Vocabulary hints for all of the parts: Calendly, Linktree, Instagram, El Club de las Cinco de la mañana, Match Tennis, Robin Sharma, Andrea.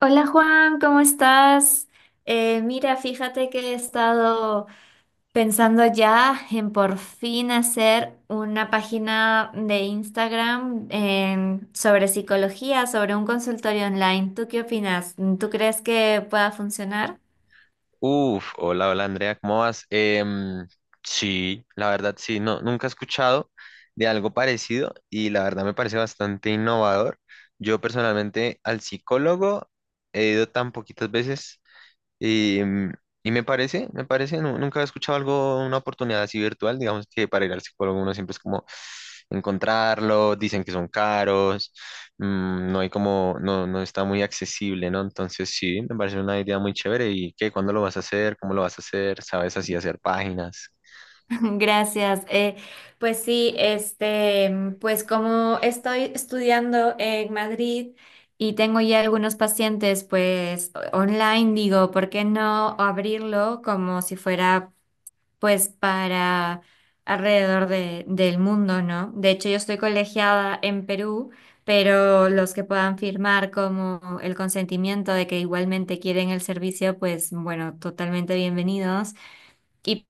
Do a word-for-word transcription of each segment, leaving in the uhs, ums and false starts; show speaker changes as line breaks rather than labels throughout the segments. Hola Juan, ¿cómo estás? Eh, mira, fíjate que he estado pensando ya en por fin hacer una página de Instagram en- sobre psicología, sobre un consultorio online. ¿Tú qué opinas? ¿Tú crees que pueda funcionar?
Uf, hola, hola Andrea, ¿cómo vas? Em, sí, la verdad sí, no, nunca he escuchado de algo parecido y la verdad me parece bastante innovador. Yo personalmente al psicólogo he ido tan poquitas veces y, mm, y me parece, me parece, nu- nunca he escuchado algo, una oportunidad así virtual, digamos que para ir al psicólogo uno siempre es como encontrarlo, dicen que son caros, mm, no hay como, no, no está muy accesible, ¿no? Entonces sí, me parece una idea muy chévere. ¿Y qué? ¿Cuándo lo vas a hacer? ¿Cómo lo vas a hacer? ¿Sabes así hacer páginas?
Gracias. Eh, pues sí, este, mm, pues como estoy estudiando en Madrid y tengo ya algunos pacientes, pues o- online, digo, ¿por qué no abrirlo como si fuera, pues, para alrededor de- del mundo? ¿No? De hecho, yo estoy colegiada en Perú, pero los que puedan firmar como el consentimiento de que igualmente quieren el servicio, pues, bueno, totalmente bienvenidos. Y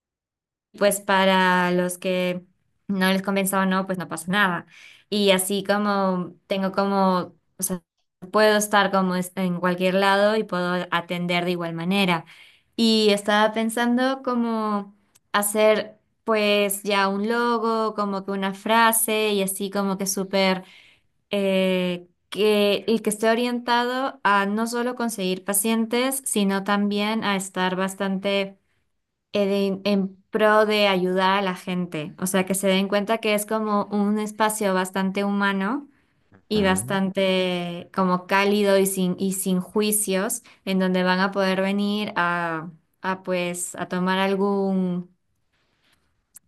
pues para los que no les convenza o no, pues no pasa nada. Y así como tengo como, o sea, puedo estar como es- en cualquier lado y puedo atender de igual manera. Y estaba pensando como hacer pues ya un logo, como que una frase y así como que súper, eh, que el que esté orientado a no solo conseguir pacientes, sino también a estar bastante en, en pro de ayudar a la gente. O sea, que se den cuenta que es como un espacio bastante humano y
Ujú.
bastante como cálido y sin, y sin juicios, en donde van a poder venir a, a pues a tomar algún,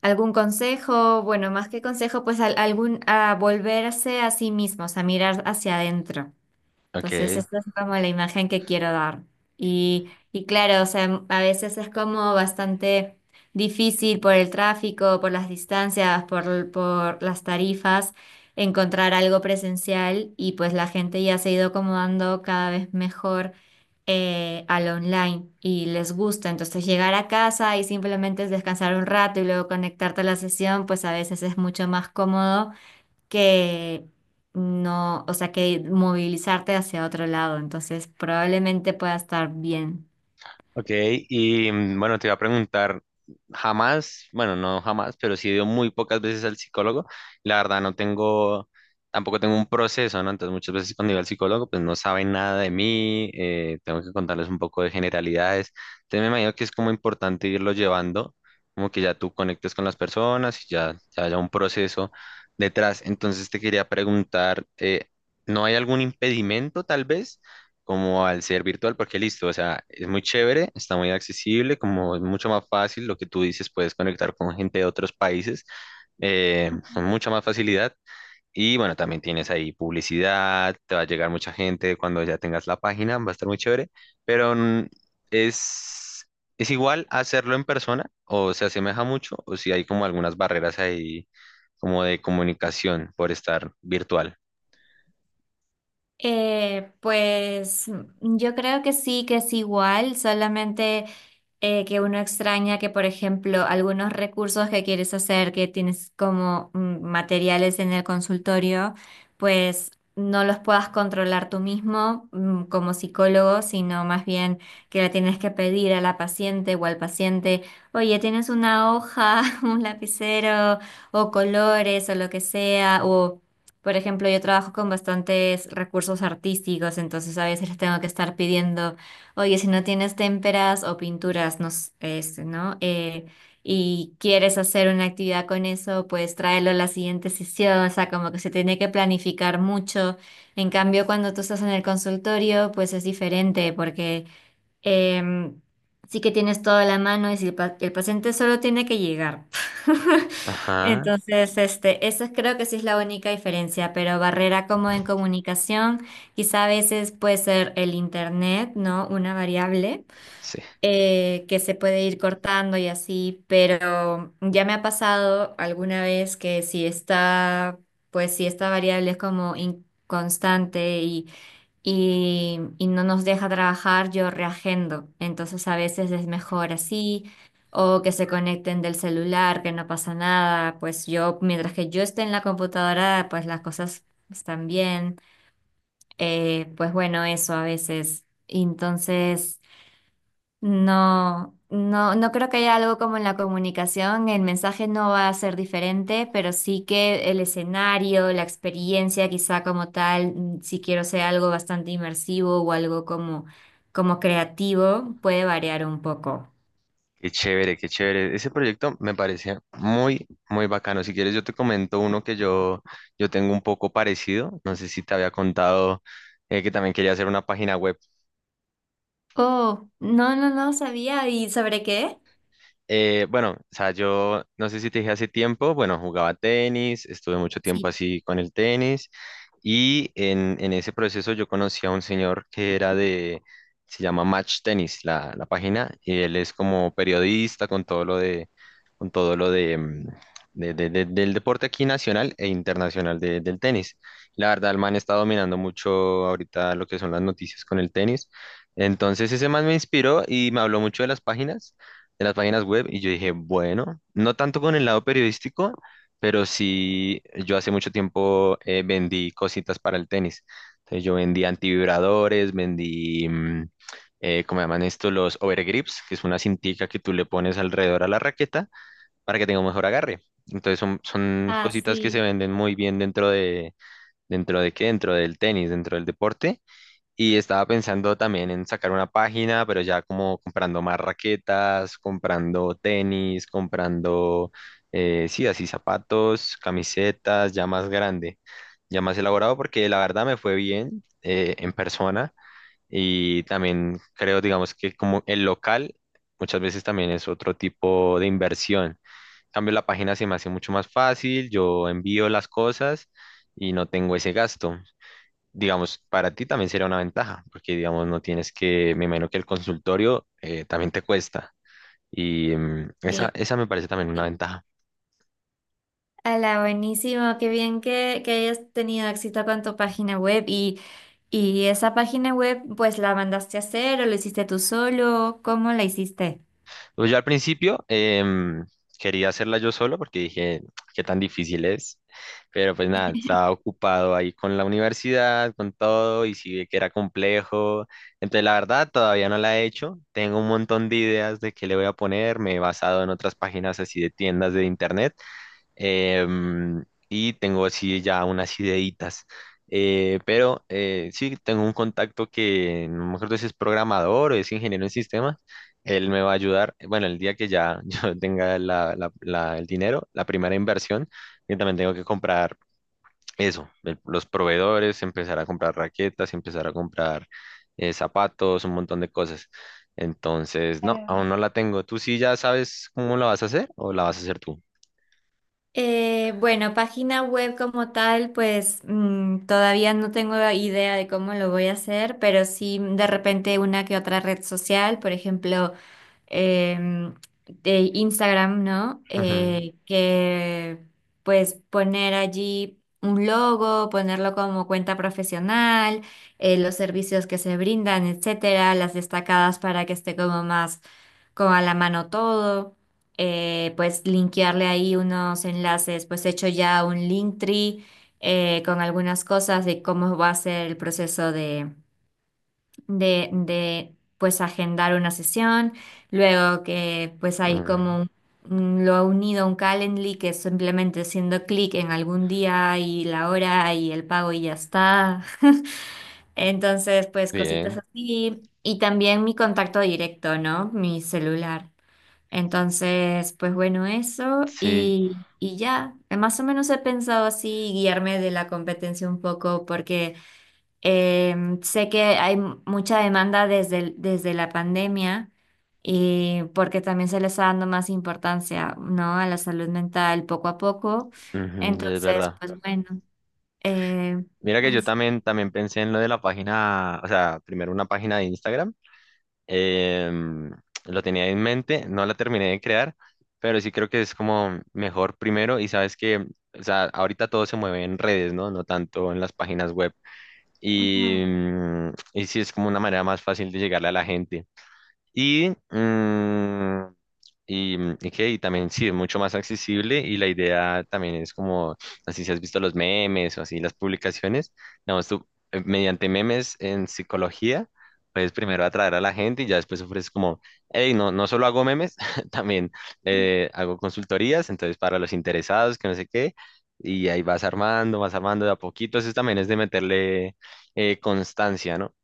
algún consejo, bueno, más que consejo, pues al- algún, a volverse a sí mismos, a mirar hacia adentro. Entonces,
Ok.
esa es como la imagen que quiero dar. Y, y claro, o sea, a veces es como bastante difícil por el tráfico, por las distancias, por, por las tarifas, encontrar algo presencial y pues la gente ya se ha ido acomodando cada vez mejor eh, al online y les gusta. Entonces, llegar a casa y simplemente es descansar un rato y luego conectarte a la sesión, pues a veces es mucho más cómodo que no, o sea, que movilizarte hacia otro lado. Entonces, probablemente pueda estar bien.
Ok, y mm, bueno, te iba a preguntar, jamás, bueno, no jamás, pero sí he ido muy pocas veces al psicólogo. La verdad, no tengo, tampoco tengo un proceso, ¿no? Entonces, muchas veces cuando iba al psicólogo, pues no saben nada de mí, eh, tengo que contarles un poco de generalidades. Entonces, me imagino que es como importante irlo llevando, como que ya tú conectes con las personas y ya, ya haya un proceso detrás. Entonces, te quería preguntar, eh, ¿no hay algún impedimento tal vez? Como al ser virtual, porque listo, o sea, es muy chévere, está muy accesible, como es mucho más fácil, lo que tú dices, puedes conectar con gente de otros países eh, con mucha más facilidad. Y bueno, también tienes ahí publicidad, te va a llegar mucha gente cuando ya tengas la página, va a estar muy chévere, pero mm, es, es igual hacerlo en persona o se asemeja mucho o si hay como algunas barreras ahí como de comunicación por estar virtual.
Eh, pues mm, yo creo que sí, que es igual, solamente eh, que uno extraña que, por ejemplo, algunos recursos que quieres hacer, que tienes como mm, materiales en el consultorio, pues no los puedas controlar tú mismo mm, como psicólogo, sino más bien que la tienes que pedir a la paciente o al paciente, oye, tienes una hoja, un lapicero o colores o lo que sea, o... Por ejemplo, yo trabajo con bastantes recursos artísticos, entonces a veces les tengo que estar pidiendo, oye, si no tienes témperas o pinturas, nos, este, ¿no? Eh, y quieres hacer una actividad con eso, pues tráelo a la siguiente sesión, o sea, como que se tiene que planificar mucho. En cambio, cuando tú estás en el consultorio, pues es diferente, porque Em, sí que tienes toda la mano y si el, pa- el paciente solo tiene que llegar.
Ajá,
Entonces, este, esa creo que sí es la única diferencia, pero barrera como en comunicación, quizá a veces puede ser el internet, ¿no? Una variable
sí.
eh, que se puede ir cortando y así, pero ya me ha pasado alguna vez que si está, pues si esta variable es como inconstante y, y no nos deja trabajar, yo reagendo. Entonces a veces es mejor así, o que se conecten del celular, que no pasa nada. Pues yo, mientras que yo esté en la computadora, pues las cosas están bien. Eh, pues bueno, eso a veces. Entonces... No, no, no creo que haya algo como en la comunicación. El mensaje no va a ser diferente, pero sí que el escenario, la experiencia, quizá como tal, mm, si quiero ser algo bastante inmersivo o algo como, como creativo, puede variar un poco.
Qué chévere, qué chévere. Ese proyecto me parece muy, muy bacano. Si quieres, yo te comento uno que yo, yo tengo un poco parecido. No sé si te había contado eh, que también quería hacer una página web.
Oh, no, no, no sabía. ¿Y sobre qué?
Eh, bueno, o sea, yo no sé si te dije hace tiempo, bueno, jugaba tenis, estuve mucho tiempo
Sí.
así con el tenis. Y en, en ese proceso yo conocí a un señor que era de, se llama Match Tennis, la, la página, y él es como periodista con todo lo de, con todo lo de, mm, de- de- de- del deporte aquí nacional e internacional de- del tenis. La verdad, el man está dominando mucho ahorita lo que son las noticias con el tenis. Entonces ese man me inspiró y me habló mucho de las páginas, de las páginas web, y yo dije, bueno, no tanto con el lado periodístico, pero sí, yo hace mucho tiempo eh, vendí cositas para el tenis. Entonces yo vendí antivibradores, vendí, mm, eh, ¿cómo llaman esto? Los overgrips, que es una cintica que tú le pones alrededor a la raqueta para que tenga un mejor agarre. Entonces son, son
Ah,
cositas que se
sí.
venden muy bien dentro de, ¿dentro de qué? Dentro del tenis, dentro del deporte. Y estaba pensando también en sacar una página, pero ya como comprando más raquetas, comprando tenis, comprando, eh, sí, así zapatos, camisetas, ya más grande, ya más elaborado, porque la verdad me fue bien eh, en persona y también creo, digamos que como el local muchas veces también es otro tipo de inversión. En cambio, la página se me hace mucho más fácil, yo envío las cosas y no tengo ese gasto, digamos, para ti también sería una ventaja, porque, digamos, no tienes que, me imagino que el consultorio eh, también te cuesta. Y mm, esa, esa me parece también una
Sí.
ventaja.
Hola, buenísimo, qué bien que, que hayas tenido éxito con tu página web y, y esa página web pues la mandaste a hacer o lo hiciste tú solo, ¿cómo la hiciste?
Pues yo al principio em, quería hacerla yo solo porque dije, qué tan difícil es, pero pues nada, estaba ocupado ahí con la universidad, con todo, y sí vi que era complejo. Entonces, la verdad, todavía no la he hecho. Tengo un montón de ideas de qué le voy a poner, me he basado en otras páginas así de tiendas de internet. Em, y tengo así ya unas ideitas. Eh, pero eh, sí, tengo un contacto que no me acuerdo si es programador o es ingeniero en sistemas. Él me va a ayudar, bueno, el día que ya yo tenga la- la- la- el dinero, la primera inversión, yo también tengo que comprar eso, el- los proveedores, empezar a comprar raquetas, empezar a comprar eh, zapatos, un montón de cosas. Entonces, no,
Claro.
aún no la tengo. ¿Tú sí ya sabes cómo la vas a hacer o la vas a hacer tú?
Eh, bueno, página web como tal, pues mm, todavía no tengo idea de cómo lo voy a hacer, pero sí mm, de repente una que otra red social, por ejemplo, em, de Instagram, ¿no?
Ujú,
Eh, que pues poner allí un logo, ponerlo como cuenta profesional, eh, los servicios que se brindan, etcétera, las destacadas para que esté como más como a la mano todo eh, pues linkearle ahí unos enlaces, pues he hecho ya un Linktree eh, con algunas cosas de cómo va a ser el proceso de, de, de pues agendar una sesión, luego que pues hay como
ujú.
un- un- lo ha unido a un Calendly que es simplemente haciendo clic en algún día y la hora y el pago y ya está. Entonces, pues cositas
Bien,
así. Y también mi contacto directo, ¿no? Mi celular. Entonces, pues bueno, eso
sí,
y, y ya. Eh, Más o menos he pensado así guiarme de la competencia un poco porque em, sé que hay m- mucha demanda desde, el- desde la pandemia y porque también se le está dando más importancia, ¿no? A la salud mental poco a poco.
ujú, sí, es
Entonces,
verdad.
pues bueno, eh,
Mira que yo
as-
también, también pensé en lo de la página, o sea, primero una página de Instagram. em, lo tenía en mente, no la terminé de crear, pero sí creo que es como mejor primero y sabes que, o sea, ahorita todo se mueve en redes, ¿no? No tanto en las páginas web. Y,
ujú,
mm, y sí es como una manera más fácil de llegarle a la gente. Y, mm, y, mm, y que y también sí, es mucho más accesible y la idea también es como, así si has visto los memes o así las publicaciones, digamos tú, eh, mediante memes en psicología, puedes primero atraer a la gente y ya después ofreces como, hey, no, no solo hago memes, también eh, hago consultorías, entonces para los interesados, que no sé qué, y ahí vas armando, vas armando de a poquito, eso también es de meterle eh, constancia, ¿no?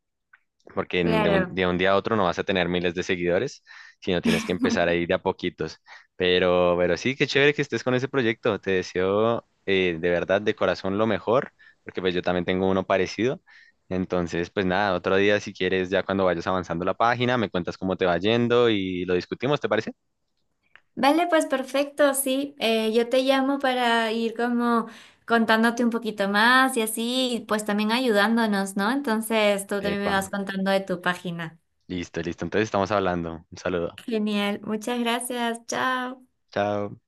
Porque en- de un,
claro.
de un día a otro no vas a tener miles de seguidores, sino tienes que empezar ahí de a poquitos. Pero, pero sí, qué chévere que estés con ese proyecto. Te deseo eh, de verdad, de corazón, lo mejor, porque pues yo también tengo uno parecido. Entonces, pues nada, otro día si quieres, ya cuando vayas avanzando la página, me cuentas cómo te va yendo y lo discutimos, ¿te parece?
Vale, pues perfecto, sí. Eh, yo te llamo para ir como contándote un poquito más y así, y pues también ayudándonos, ¿no? Entonces tú también me
Epa,
vas contando de tu página.
listo, listo. Entonces estamos hablando. Un saludo.
Genial, muchas gracias, chao.
Chao.